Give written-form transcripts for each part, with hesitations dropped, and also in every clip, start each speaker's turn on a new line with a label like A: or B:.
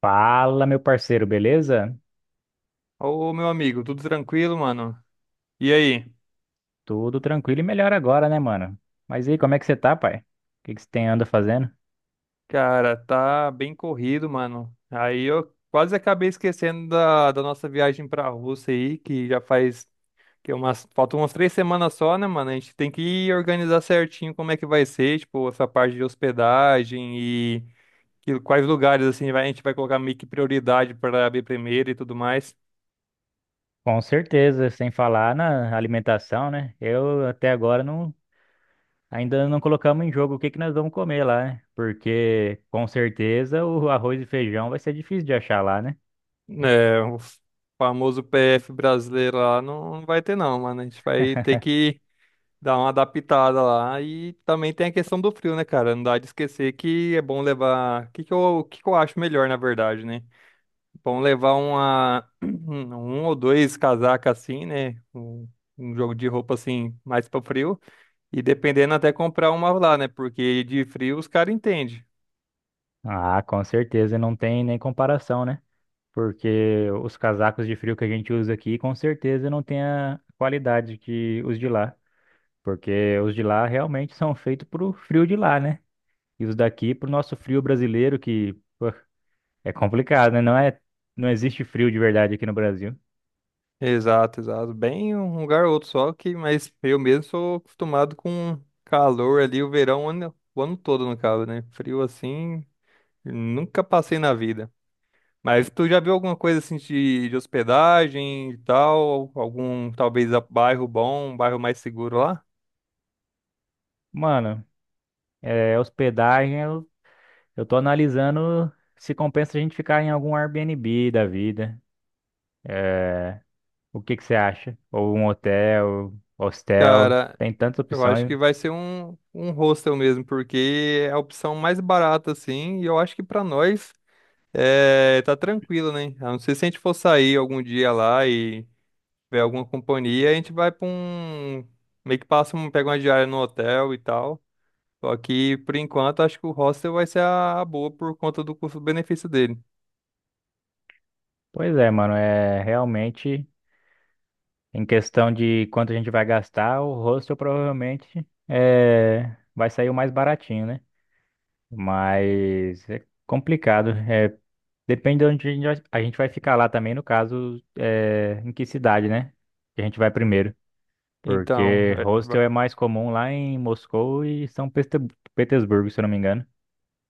A: Fala, meu parceiro, beleza?
B: Ô, meu amigo, tudo tranquilo, mano? E aí?
A: Tudo tranquilo e melhor agora, né, mano? Mas e aí, como é que você tá, pai? O que que você tem anda fazendo?
B: Cara, tá bem corrido, mano. Aí eu quase acabei esquecendo da nossa viagem pra Rússia aí, que já faz que é umas, faltam umas três semanas só, né, mano? A gente tem que organizar certinho como é que vai ser, tipo, essa parte de hospedagem e quais lugares, assim, a gente vai colocar meio que prioridade pra abrir primeiro e tudo mais.
A: Com certeza, sem falar na alimentação, né? Eu até agora não, Ainda não colocamos em jogo o que que nós vamos comer lá, né? Porque com certeza o arroz e feijão vai ser difícil de achar lá, né?
B: É, o famoso PF brasileiro lá não vai ter, não, mano. A gente vai ter que dá uma adaptada lá. E também tem a questão do frio, né, cara? Não dá de esquecer que é bom levar. O que que eu acho melhor, na verdade, né? Bom levar uma... um ou dois casacas assim, né? Um jogo de roupa assim, mais para frio. E dependendo, até comprar uma lá, né? Porque de frio os caras entendem.
A: Ah, com certeza, não tem nem comparação, né? Porque os casacos de frio que a gente usa aqui, com certeza não tem a qualidade que os de lá. Porque os de lá realmente são feitos pro frio de lá, né? E os daqui pro nosso frio brasileiro, que pô, é complicado, né? Não existe frio de verdade aqui no Brasil.
B: Exato, exato. Bem um lugar ou outro só que, mas eu mesmo sou acostumado com calor ali, o ano todo, no caso, né? Frio assim, nunca passei na vida. Mas tu já viu alguma coisa assim de hospedagem e tal? Algum, talvez, bairro bom, um bairro mais seguro lá?
A: Mano, é, hospedagem, eu tô analisando se compensa a gente ficar em algum Airbnb da vida. O que que você acha? Ou um hotel, hostel,
B: Cara,
A: tem tantas
B: eu acho
A: opções.
B: que vai ser um hostel mesmo, porque é a opção mais barata, assim, e eu acho que pra nós é, tá tranquilo, né? A não ser se a gente for sair algum dia lá e ver alguma companhia, a gente vai pra um. Meio que passa, um, pega uma diária no hotel e tal. Só que, por enquanto, acho que o hostel vai ser a boa por conta do custo-benefício dele.
A: Pois é, mano, é realmente. Em questão de quanto a gente vai gastar, o hostel provavelmente vai sair o mais baratinho, né? Mas é complicado. É, depende de onde a gente vai ficar lá também, no caso, é, em que cidade, né? Que a gente vai primeiro.
B: Então,
A: Porque hostel é mais comum lá em Moscou e Petersburgo, se eu não me engano.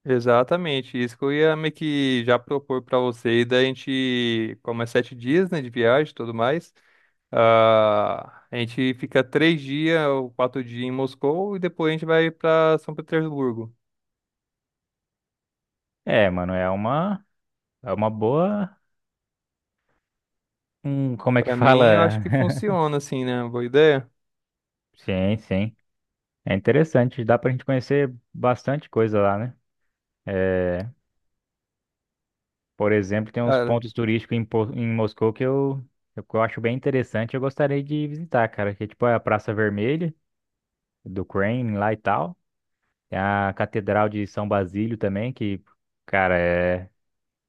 B: exatamente, isso que eu ia meio que já propor para você, e daí a gente, como é sete dias, né, de viagem e tudo mais, a gente fica três dias ou quatro dias em Moscou e depois a gente vai para São Petersburgo.
A: É, mano, é uma boa. Como é que
B: Para mim, eu acho
A: fala?
B: que funciona, assim, né, boa ideia.
A: Sim, sim. É interessante. Dá pra gente conhecer bastante coisa lá, né? É, por exemplo, tem uns
B: Cara,
A: pontos turísticos em, em Moscou que eu acho bem interessante. Eu gostaria de visitar, cara. Que é tipo a Praça Vermelha do Kremlin lá e tal. Tem a Catedral de São Basílio também, que, cara, é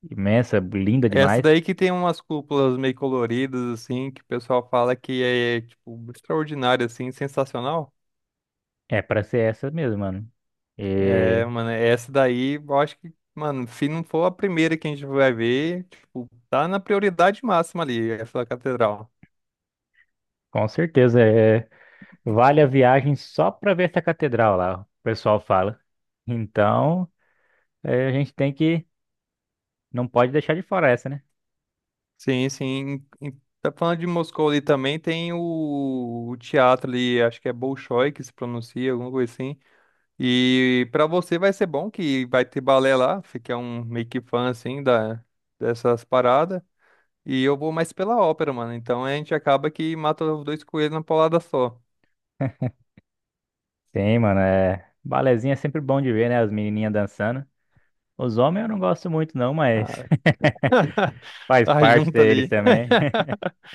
A: imensa, linda
B: é essa
A: demais.
B: daí que tem umas cúpulas meio coloridas, assim, que o pessoal fala que é, tipo, extraordinária, assim, sensacional.
A: É pra ser essa mesmo, mano.
B: É,
A: E
B: mano, essa daí, eu acho que, mano, se não for a primeira que a gente vai ver, tipo, tá na prioridade máxima ali, essa catedral.
A: com certeza é, vale a viagem só pra ver essa catedral lá, o pessoal fala. Então, é, a gente tem que, não pode deixar de fora essa, né?
B: Sim, sim. E Tá falando de Moscou ali também, tem o teatro ali, acho que é Bolshoi que se pronuncia, alguma coisa assim. E pra você vai ser bom que vai ter balé lá, você que é um meio que fã, assim, dessas paradas. E eu vou mais pela ópera, mano, então a gente acaba que mata os dois coelhos na paulada só.
A: Sim, mano, é. Balezinho é sempre bom de ver, né? As menininhas dançando. Os homens eu não gosto muito, não, mas
B: Ah,
A: faz
B: tá
A: parte
B: junto
A: deles
B: ali.
A: também.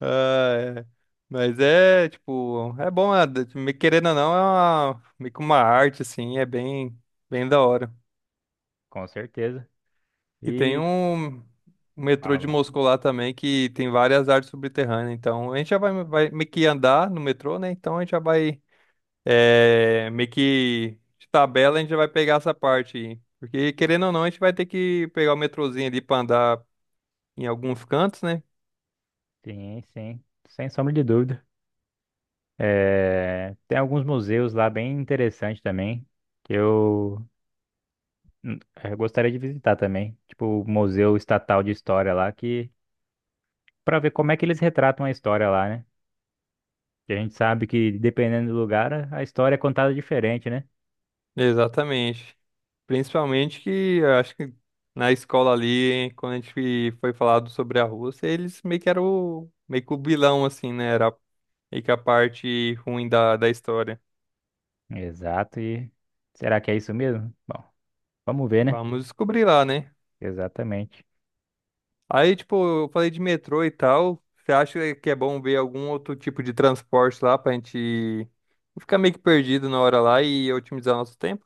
B: Ah, é. Mas é, tipo, é bom, né? Me querendo ou não, é uma, meio que uma arte, assim, é bem, bem da hora.
A: Com certeza.
B: E tem
A: E
B: um metrô
A: fala,
B: de
A: mano.
B: Moscou lá também, que tem várias artes subterrâneas, então a gente já vai, vai meio que andar no metrô, né? Então a gente já vai, é, meio que de tabela a gente já vai pegar essa parte aí. Porque querendo ou não, a gente vai ter que pegar o metrozinho ali pra andar em alguns cantos, né?
A: Sim, sim. Sem sombra de dúvida. É, tem alguns museus lá bem interessantes também, que eu, hum, eu gostaria de visitar também. Tipo, o Museu Estatal de História lá, que para ver como é que eles retratam a história lá, né? Que a gente sabe que dependendo do lugar, a história é contada diferente, né?
B: Exatamente. Principalmente que eu acho que na escola ali, quando a gente foi falado sobre a Rússia, eles meio que eram meio que o vilão, assim, né? Era meio que a parte ruim da história.
A: Exato, e será que é isso mesmo? Bom, vamos ver, né?
B: Vamos descobrir lá, né?
A: Exatamente.
B: Aí, tipo, eu falei de metrô e tal. Você acha que é bom ver algum outro tipo de transporte lá pra gente não ficar meio que perdido na hora lá e otimizar nosso tempo?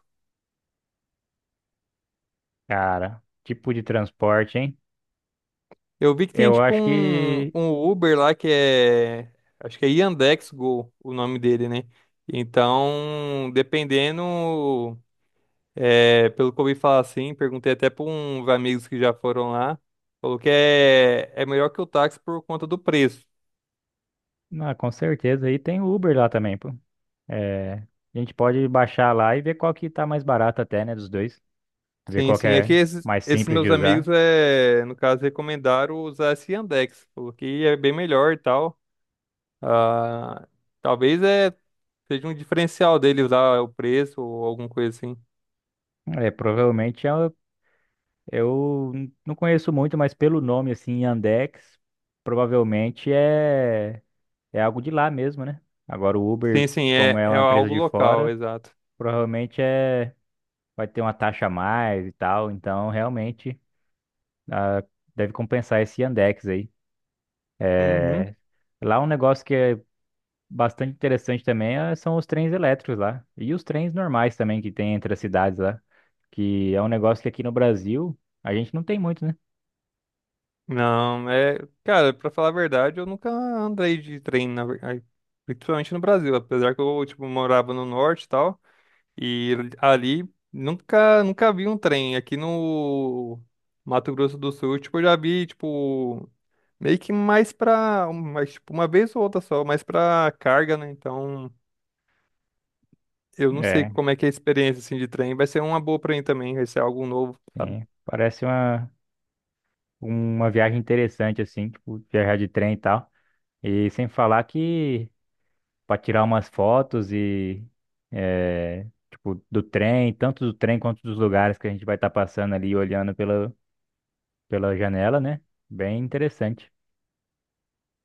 A: Cara, tipo de transporte, hein?
B: Eu vi que tem
A: Eu
B: tipo
A: acho que,
B: um Uber lá que é. Acho que é Yandex Go, o nome dele, né? Então, dependendo. É, pelo que eu ouvi falar assim, perguntei até para uns amigos que já foram lá. Falou que é melhor que o táxi por conta do preço.
A: ah, com certeza, aí tem o Uber lá também, pô. É, a gente pode baixar lá e ver qual que tá mais barato até, né, dos dois. Ver
B: Sim,
A: qual que
B: sim. É que
A: é mais
B: esses
A: simples
B: meus
A: de
B: amigos,
A: usar.
B: é, no caso, recomendaram usar esse Yandex. Falou que é bem melhor e tal. Ah, talvez é, seja um diferencial dele usar o preço ou alguma coisa assim.
A: É, provavelmente não conheço muito, mas pelo nome, assim, Yandex, provavelmente é algo de lá mesmo, né? Agora o
B: Sim,
A: Uber,
B: sim,
A: como
B: é,
A: é
B: é
A: uma empresa
B: algo
A: de
B: local,
A: fora.
B: exato.
A: Provavelmente é, vai ter uma taxa a mais e tal, então realmente ah, deve compensar esse Yandex aí.
B: Uhum.
A: É, lá um negócio que é bastante interessante também são os trens elétricos lá. E os trens normais também que tem entre as cidades lá. Que é um negócio que aqui no Brasil a gente não tem muito, né?
B: Não, é. Cara, pra falar a verdade, eu nunca andei de trem, ai, principalmente no Brasil. Apesar que eu, tipo, morava no norte e tal. E ali nunca, nunca vi um trem. Aqui no Mato Grosso do Sul, tipo, eu já vi, tipo, meio que mais pra, mais tipo, uma vez ou outra só, mais pra carga, né? Então, eu não sei
A: É,
B: como é que é a experiência assim, de trem. Vai ser uma boa pra mim também, vai ser algo novo.
A: sim. Parece uma viagem interessante, assim, tipo, viajar de trem e tal. E sem falar que para tirar umas fotos e é, tipo do trem, tanto do trem quanto dos lugares que a gente vai estar passando ali olhando pela pela janela, né? Bem interessante.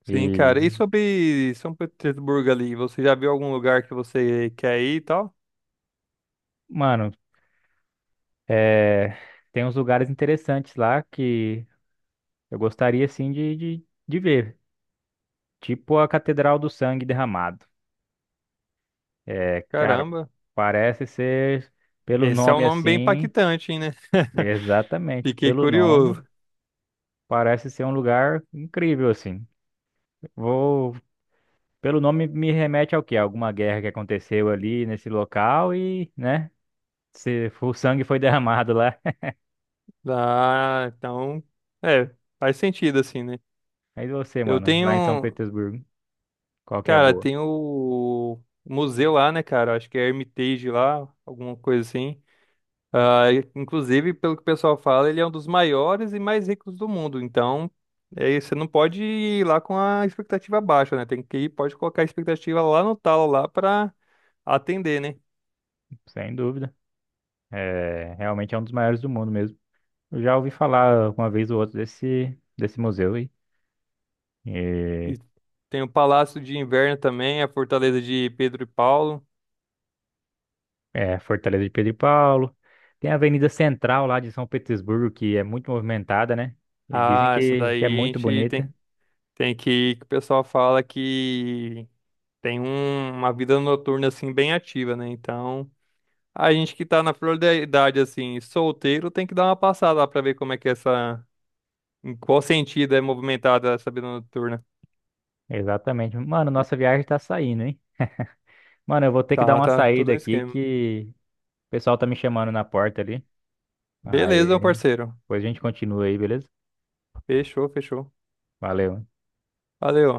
B: Sim,
A: E,
B: cara. E sobre São Petersburgo ali, você já viu algum lugar que você quer ir e tal?
A: mano, é, tem uns lugares interessantes lá que eu gostaria assim de ver, tipo a Catedral do Sangue Derramado. É, cara,
B: Caramba,
A: parece ser pelo
B: esse é um
A: nome
B: nome bem
A: assim,
B: impactante, hein, né?
A: exatamente,
B: Fiquei
A: pelo
B: curioso.
A: nome, parece ser um lugar incrível assim. Vou, pelo nome me remete ao quê? Alguma guerra que aconteceu ali nesse local e, né? Se o sangue foi derramado lá.
B: Ah, então, é, faz sentido assim, né?
A: Aí você,
B: Eu
A: mano, lá em São
B: tenho,
A: Petersburgo, qual que é a
B: cara,
A: boa?
B: tem o museu lá, né, cara? Acho que é Hermitage lá, alguma coisa assim. Ah, inclusive, pelo que o pessoal fala, ele é um dos maiores e mais ricos do mundo. Então, é, isso, você não pode ir lá com a expectativa baixa, né? Tem que ir, pode colocar a expectativa lá no talo lá para atender, né?
A: Sem dúvida. É, realmente é um dos maiores do mundo mesmo. Eu já ouvi falar uma vez ou outra desse museu aí. E,
B: E tem o Palácio de Inverno também, a Fortaleza de Pedro e Paulo.
A: é, Fortaleza de Pedro e Paulo. Tem a Avenida Central lá de São Petersburgo, que é muito movimentada, né? E dizem
B: Ah, essa
A: que é
B: daí a
A: muito
B: gente tem,
A: bonita.
B: tem que ir, que o pessoal fala que tem uma vida noturna assim bem ativa, né? Então, a gente que tá na flor da idade, assim, solteiro, tem que dar uma passada lá pra ver como é que é essa. Em qual sentido é movimentada essa vida noturna.
A: Exatamente. Mano, nossa viagem tá saindo, hein? Mano, eu vou ter que dar
B: Tá,
A: uma
B: tá, tudo
A: saída
B: um
A: aqui
B: esquema.
A: que o pessoal tá me chamando na porta ali.
B: Beleza, meu
A: Aí
B: parceiro.
A: depois a gente continua aí, beleza?
B: Fechou, fechou.
A: Valeu.
B: Valeu.